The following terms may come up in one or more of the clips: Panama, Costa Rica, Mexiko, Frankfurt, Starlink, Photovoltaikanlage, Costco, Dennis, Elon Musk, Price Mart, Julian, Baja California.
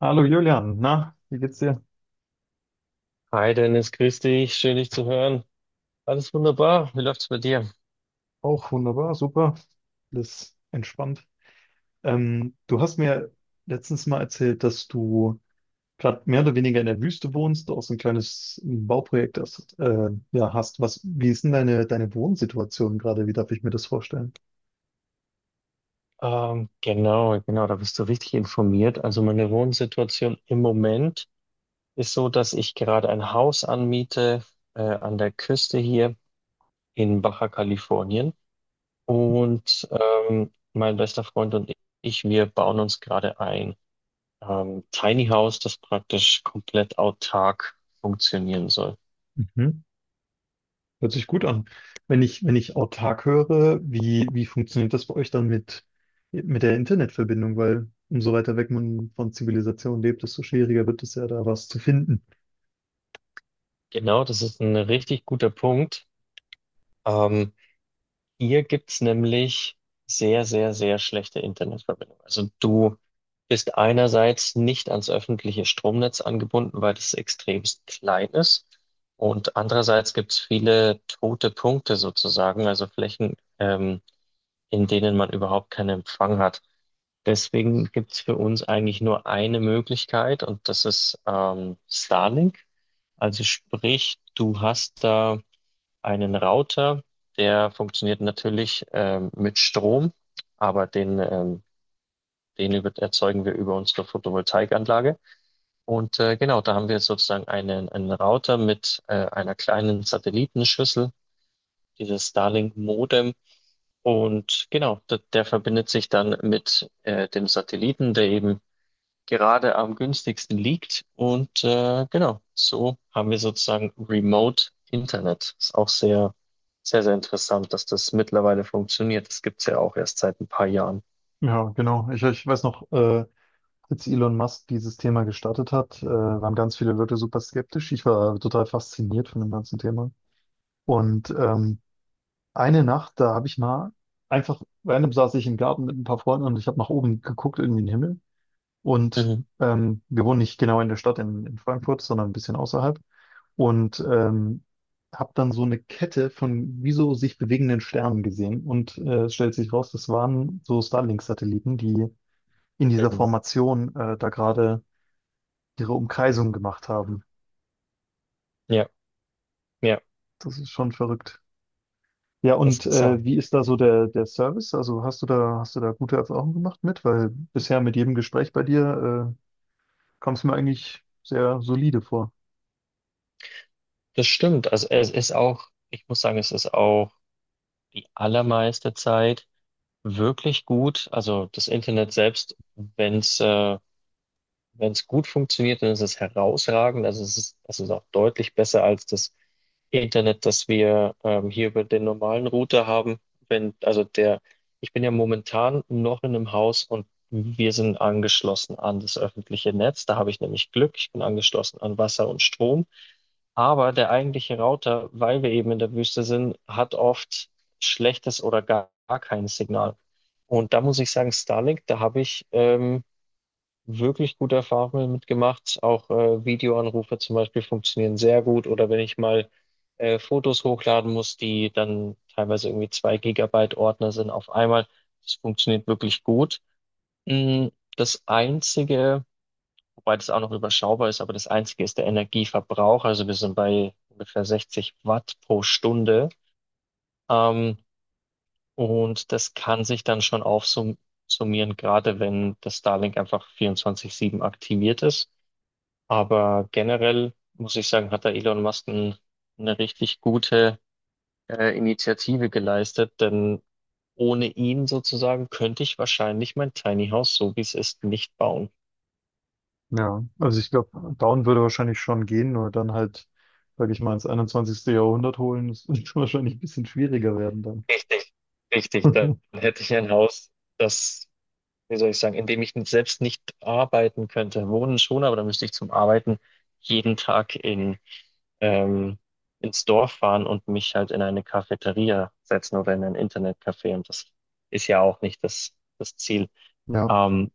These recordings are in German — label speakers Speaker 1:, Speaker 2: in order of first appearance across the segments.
Speaker 1: Hallo Julian, na, wie geht's dir?
Speaker 2: Hi Dennis, grüß dich, schön dich zu hören. Alles wunderbar, wie läuft's bei dir?
Speaker 1: Auch wunderbar, super. Alles entspannt. Du hast mir letztens mal erzählt, dass du gerade mehr oder weniger in der Wüste wohnst, auch so ein kleines Bauprojekt hast, ja, hast. Was, wie ist denn deine Wohnsituation gerade? Wie darf ich mir das vorstellen?
Speaker 2: Genau, da bist du richtig informiert. Also meine Wohnsituation im Moment ist so, dass ich gerade ein Haus anmiete an der Küste hier in Baja Californien. Und mein bester Freund und ich, wir bauen uns gerade ein Tiny House, das praktisch komplett autark funktionieren soll.
Speaker 1: Mhm. Hört sich gut an. Wenn ich autark höre, wie funktioniert das bei euch dann mit der Internetverbindung? Weil umso weiter weg man von Zivilisation lebt, desto schwieriger wird es ja, da was zu finden.
Speaker 2: Genau, das ist ein richtig guter Punkt. Ähm, Hier gibt's nämlich sehr, sehr, sehr schlechte Internetverbindung. Also du bist einerseits nicht ans öffentliche Stromnetz angebunden, weil das extremst klein ist. Und andererseits gibt's viele tote Punkte sozusagen, also Flächen, in denen man überhaupt keinen Empfang hat. Deswegen gibt's für uns eigentlich nur eine Möglichkeit und das ist Starlink. Also sprich, du hast da einen Router, der funktioniert natürlich mit Strom, aber den erzeugen wir über unsere Photovoltaikanlage. Und genau, da haben wir sozusagen einen Router mit einer kleinen Satellitenschüssel, dieses Starlink-Modem. Und genau, der verbindet sich dann mit dem Satelliten, der eben gerade am günstigsten liegt. Und genau, so haben wir sozusagen Remote Internet. Ist auch sehr, sehr, sehr interessant, dass das mittlerweile funktioniert. Das gibt's ja auch erst seit ein paar Jahren.
Speaker 1: Ja, genau. Ich weiß noch, als Elon Musk dieses Thema gestartet hat, waren ganz viele Leute super skeptisch. Ich war total fasziniert von dem ganzen Thema. Und eine Nacht, da habe ich mal einfach, random saß ich im Garten mit ein paar Freunden und ich habe nach oben geguckt, irgendwie in den Himmel. Und
Speaker 2: Mhm.
Speaker 1: wir wohnen nicht genau in der Stadt in Frankfurt, sondern ein bisschen außerhalb. Und habe dann so eine Kette von wie so sich bewegenden Sternen gesehen. Und es stellt sich raus, das waren so Starlink-Satelliten, die in dieser
Speaker 2: Mhm.
Speaker 1: Formation da gerade ihre Umkreisung gemacht haben.
Speaker 2: Ja, ja,
Speaker 1: Das ist schon verrückt. Ja,
Speaker 2: das
Speaker 1: und
Speaker 2: ist auch,
Speaker 1: wie ist da so der Service? Also hast du da gute Erfahrungen gemacht mit? Weil bisher mit jedem Gespräch bei dir kam es mir eigentlich sehr solide vor.
Speaker 2: das stimmt. Also es ist auch, ich muss sagen, es ist auch die allermeiste Zeit wirklich gut. Also das Internet selbst, wenn es gut funktioniert, dann ist es herausragend. Also es ist auch deutlich besser als das Internet, das wir hier über den normalen Router haben. Wenn, also der, ich bin ja momentan noch in einem Haus und wir sind angeschlossen an das öffentliche Netz. Da habe ich nämlich Glück. Ich bin angeschlossen an Wasser und Strom. Aber der eigentliche Router, weil wir eben in der Wüste sind, hat oft schlechtes oder gar kein Signal. Und da muss ich sagen, Starlink, da habe ich wirklich gute Erfahrungen mitgemacht. Auch Videoanrufe zum Beispiel funktionieren sehr gut. Oder wenn ich mal Fotos hochladen muss, die dann teilweise irgendwie zwei Gigabyte Ordner sind auf einmal. Das funktioniert wirklich gut. Mm, Das Einzige, wobei das auch noch überschaubar ist, aber das Einzige ist der Energieverbrauch. Also wir sind bei ungefähr 60 Watt pro Stunde. Ähm, und das kann sich dann schon aufsummieren, gerade wenn das Starlink einfach 24/7 aktiviert ist. Aber generell muss ich sagen, hat da Elon Musk eine richtig gute Initiative geleistet, denn ohne ihn sozusagen könnte ich wahrscheinlich mein Tiny House, so wie es ist, nicht bauen.
Speaker 1: Ja, also ich glaube, Down würde wahrscheinlich schon gehen, nur dann halt, sage ich mal, ins 21. Jahrhundert holen, das wird wahrscheinlich ein bisschen schwieriger werden dann.
Speaker 2: Richtig. Richtig, dann hätte ich ein Haus, das, wie soll ich sagen, in dem ich selbst nicht arbeiten könnte. Wohnen schon, aber dann müsste ich zum Arbeiten jeden Tag ähm, ins Dorf fahren und mich halt in eine Cafeteria setzen oder in ein Internetcafé. Und das ist ja auch nicht das Ziel.
Speaker 1: Ja.
Speaker 2: Ähm,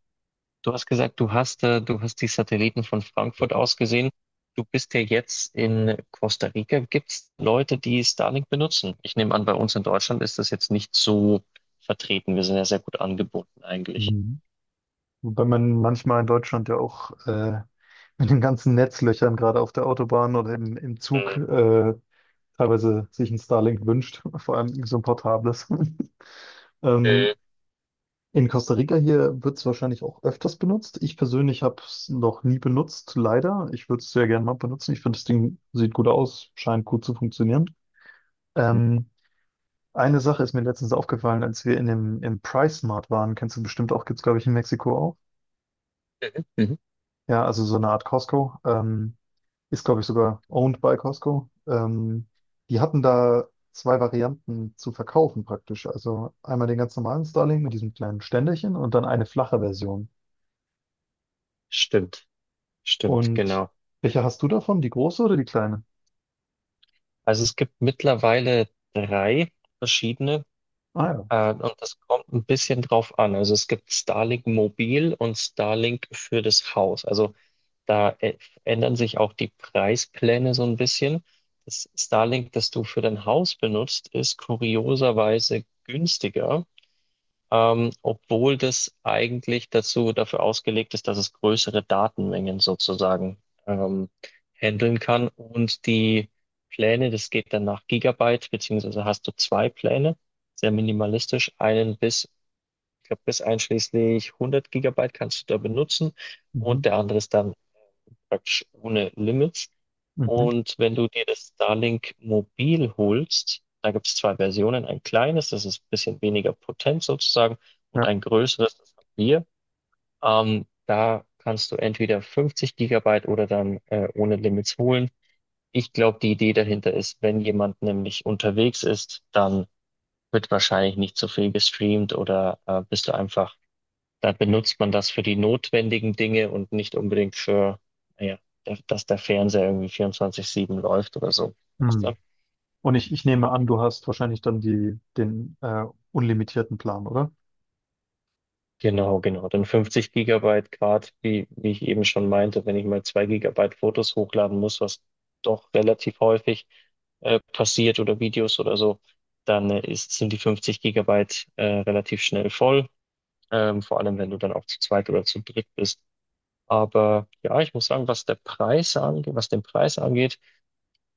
Speaker 2: Du hast gesagt, du hast die Satelliten von Frankfurt aus gesehen. Du bist ja jetzt in Costa Rica. Gibt es Leute, die Starlink benutzen? Ich nehme an, bei uns in Deutschland ist das jetzt nicht so vertreten. Wir sind ja sehr gut angebunden eigentlich.
Speaker 1: Mhm. Wobei man manchmal in Deutschland ja auch mit den ganzen Netzlöchern gerade auf der Autobahn oder im Zug teilweise sich ein Starlink wünscht, vor allem so ein portables.
Speaker 2: Mhm.
Speaker 1: Ähm, in Costa Rica hier wird es wahrscheinlich auch öfters benutzt. Ich persönlich habe es noch nie benutzt, leider. Ich würde es sehr gerne mal benutzen. Ich finde, das Ding sieht gut aus, scheint gut zu funktionieren. Ähm, eine Sache ist mir letztens aufgefallen, als wir in im Price Mart waren, kennst du bestimmt auch, gibt es, glaube ich, in Mexiko auch.
Speaker 2: Mhm.
Speaker 1: Ja, also so eine Art Costco. Ist, glaube ich, sogar owned by Costco. Die hatten da zwei Varianten zu verkaufen praktisch. Also einmal den ganz normalen Starlink mit diesem kleinen Ständerchen und dann eine flache Version.
Speaker 2: Stimmt, stimmt,
Speaker 1: Und
Speaker 2: genau.
Speaker 1: welche hast du davon? Die große oder die kleine?
Speaker 2: Also es gibt mittlerweile drei verschiedene
Speaker 1: Ah ja.
Speaker 2: und das kommt ein bisschen drauf an. Also es gibt Starlink Mobil und Starlink für das Haus. Also da ä- ändern sich auch die Preispläne so ein bisschen. Das Starlink, das du für dein Haus benutzt, ist kurioserweise günstiger, obwohl das eigentlich dazu dafür ausgelegt ist, dass es größere Datenmengen sozusagen ähm, handeln kann. Und die Pläne, das geht dann nach Gigabyte, beziehungsweise hast du zwei Pläne, sehr minimalistisch, ich glaube, bis einschließlich 100 Gigabyte kannst du da benutzen, und
Speaker 1: Mhm.
Speaker 2: der andere ist dann praktisch ohne Limits.
Speaker 1: Mhm.
Speaker 2: Und wenn du dir das Starlink Mobil holst, da gibt es zwei Versionen, ein kleines, das ist ein bisschen weniger potent sozusagen, und
Speaker 1: Ja.
Speaker 2: ein größeres, das haben wir. Da kannst du entweder 50 Gigabyte oder dann ohne Limits holen. Ich glaube, die Idee dahinter ist, wenn jemand nämlich unterwegs ist, dann wird wahrscheinlich nicht so viel gestreamt oder bist du einfach da benutzt man das für die notwendigen Dinge und nicht unbedingt für, naja, dass der Fernseher irgendwie 24/7 läuft oder so. Weißt du?
Speaker 1: Hm. Und ich nehme an, du hast wahrscheinlich dann den unlimitierten Plan, oder?
Speaker 2: Genau, genau. Dann 50 Gigabyte grad, wie ich eben schon meinte, wenn ich mal 2 Gigabyte Fotos hochladen muss, was doch relativ häufig passiert, oder Videos oder so, dann sind die 50 Gigabyte relativ schnell voll, vor allem wenn du dann auch zu zweit oder zu dritt bist. Aber ja, ich muss sagen, was den Preis angeht,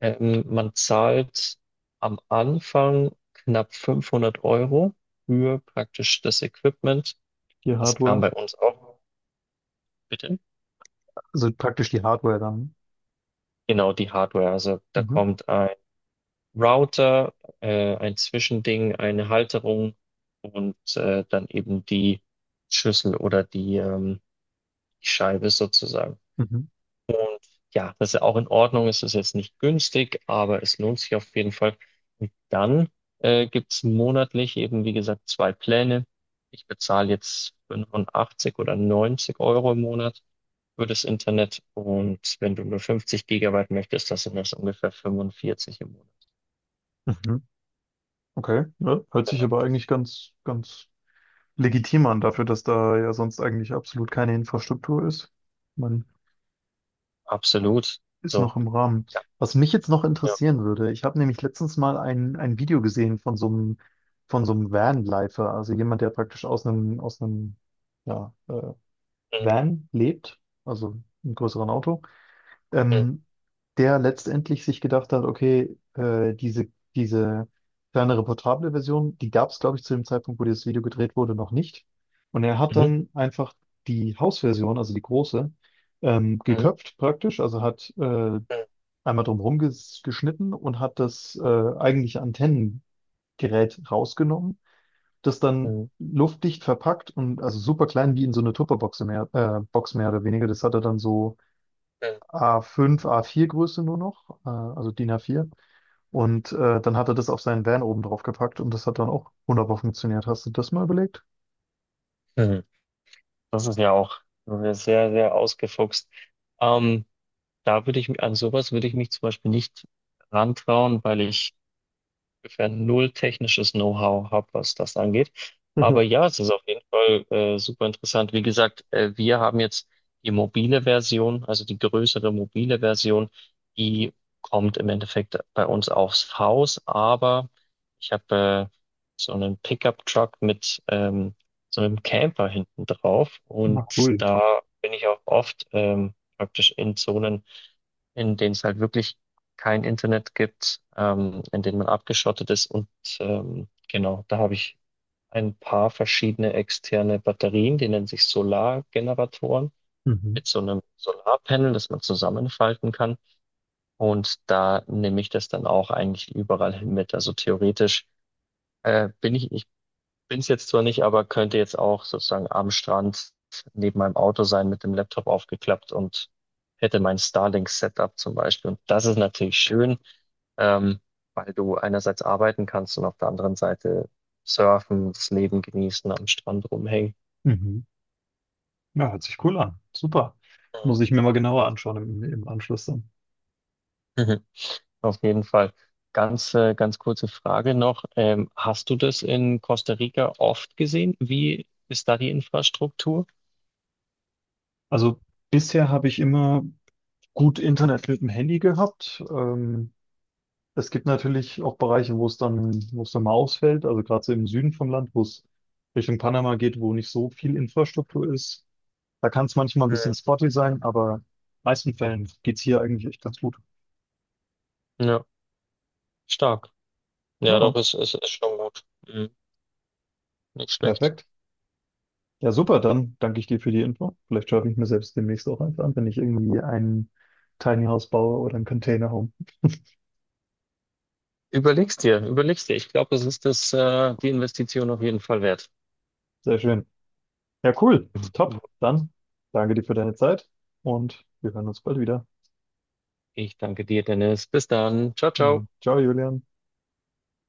Speaker 2: Man zahlt am Anfang knapp 500 € für praktisch das Equipment.
Speaker 1: Die
Speaker 2: Das kam
Speaker 1: Hardware.
Speaker 2: bei uns auch. Bitte?
Speaker 1: Also praktisch die Hardware dann.
Speaker 2: Genau, die Hardware. Also da
Speaker 1: Mhm.
Speaker 2: kommt ein Router, ein Zwischending, eine Halterung und dann eben die Schüssel oder die Scheibe sozusagen.
Speaker 1: Mhm.
Speaker 2: Ja, das ist ja auch in Ordnung. Es ist jetzt nicht günstig, aber es lohnt sich auf jeden Fall. Und dann gibt's monatlich eben, wie gesagt, zwei Pläne. Ich bezahle jetzt 85 oder 90 € im Monat für das Internet. Und wenn du nur 50 Gigabyte möchtest, das sind das ungefähr 45 im Monat.
Speaker 1: Mhm. Okay. Ja, hört sich
Speaker 2: Genau.
Speaker 1: aber eigentlich ganz legitim an dafür, dass da ja sonst eigentlich absolut keine Infrastruktur ist. Man
Speaker 2: Absolut.
Speaker 1: ist
Speaker 2: So.
Speaker 1: noch im Rahmen.
Speaker 2: Ja.
Speaker 1: Was mich jetzt noch
Speaker 2: Ja.
Speaker 1: interessieren würde, ich habe nämlich letztens mal ein Video gesehen von so einem Vanlifer, also jemand, der praktisch aus einem, ja, Van lebt, also einem größeren Auto
Speaker 2: Mhm.
Speaker 1: ähm, der letztendlich sich gedacht hat, okay, diese, diese kleinere portable Version, die gab es, glaube ich, zu dem Zeitpunkt, wo dieses Video gedreht wurde, noch nicht. Und er hat
Speaker 2: Mhm.
Speaker 1: dann einfach die Hausversion, also die große,
Speaker 2: Mhm.
Speaker 1: geköpft praktisch, also hat
Speaker 2: Mhm.
Speaker 1: einmal drumherum geschnitten und hat das eigentliche Antennengerät rausgenommen, das dann
Speaker 2: Mhm.
Speaker 1: luftdicht verpackt und also super klein wie in so eine Tupperbox mehr, Box mehr oder weniger. Das hat er dann so
Speaker 2: Mhm.
Speaker 1: A5, A4 Größe nur noch, also DIN A4. Und dann hat er das auf seinen Van oben drauf gepackt und das hat dann auch wunderbar funktioniert. Hast du das mal überlegt?
Speaker 2: Mhm. Das ist ja auch sehr, sehr ausgefuchst. Ähm, da würde ich, mi- An sowas würde ich mich zum Beispiel nicht rantrauen, weil ich ungefähr null technisches Know-how habe, was das angeht. Aber ja, es ist auf jeden Fall super interessant. Wie gesagt, wir haben jetzt die mobile Version, also die größere mobile Version, die kommt im Endeffekt bei uns aufs Haus, aber ich habe so einen Pickup-Truck mit so einem Camper hinten drauf,
Speaker 1: Na
Speaker 2: und
Speaker 1: cool.
Speaker 2: da bin ich auch oft praktisch in Zonen, in denen es halt wirklich kein Internet gibt, in denen man abgeschottet ist. Und genau, da habe ich ein paar verschiedene externe Batterien, die nennen sich Solargeneratoren,
Speaker 1: Mhm.
Speaker 2: mit so einem Solarpanel, das man zusammenfalten kann. Und da nehme ich das dann auch eigentlich überall hin mit. Also theoretisch äh, bin ich bin es jetzt zwar nicht, aber könnte jetzt auch sozusagen am Strand neben meinem Auto sein, mit dem Laptop aufgeklappt, und hätte mein Starlink-Setup zum Beispiel. Und das ist natürlich schön, ähm, weil du einerseits arbeiten kannst und auf der anderen Seite surfen, das Leben genießen, am Strand rumhängen.
Speaker 1: Mhm. Ja, hört sich cool an. Super. Muss ich mir mal genauer anschauen im, im Anschluss dann.
Speaker 2: Mhm. Auf jeden Fall. Ganz kurze Frage noch. Hast du das in Costa Rica oft gesehen? Wie ist da die Infrastruktur?
Speaker 1: Also bisher habe ich immer gut Internet mit dem Handy gehabt. Es gibt natürlich auch Bereiche, wo es dann mal ausfällt. Also gerade so im Süden vom Land, wo es Richtung Panama geht, wo nicht so viel Infrastruktur ist. Da kann es manchmal ein bisschen
Speaker 2: Mhm.
Speaker 1: spotty sein, aber in den meisten Fällen geht's hier eigentlich echt ganz gut.
Speaker 2: Ja, stark. Ja,
Speaker 1: Ja,
Speaker 2: doch, ist schon gut. Mhm. Nicht schlecht.
Speaker 1: perfekt. Ja, super, dann danke ich dir für die Info. Vielleicht schaffe ich mir selbst demnächst auch eins an, wenn ich irgendwie ein Tiny House baue oder ein Container Home.
Speaker 2: Überleg's dir, überleg's dir. Ich glaube, die Investition auf jeden Fall wert.
Speaker 1: Sehr schön. Ja, cool.
Speaker 2: Okay,
Speaker 1: Top. Dann danke dir für deine Zeit und wir hören uns bald wieder.
Speaker 2: ich danke dir, Dennis. Bis dann. Ciao, ciao.
Speaker 1: Hm. Ciao, Julian.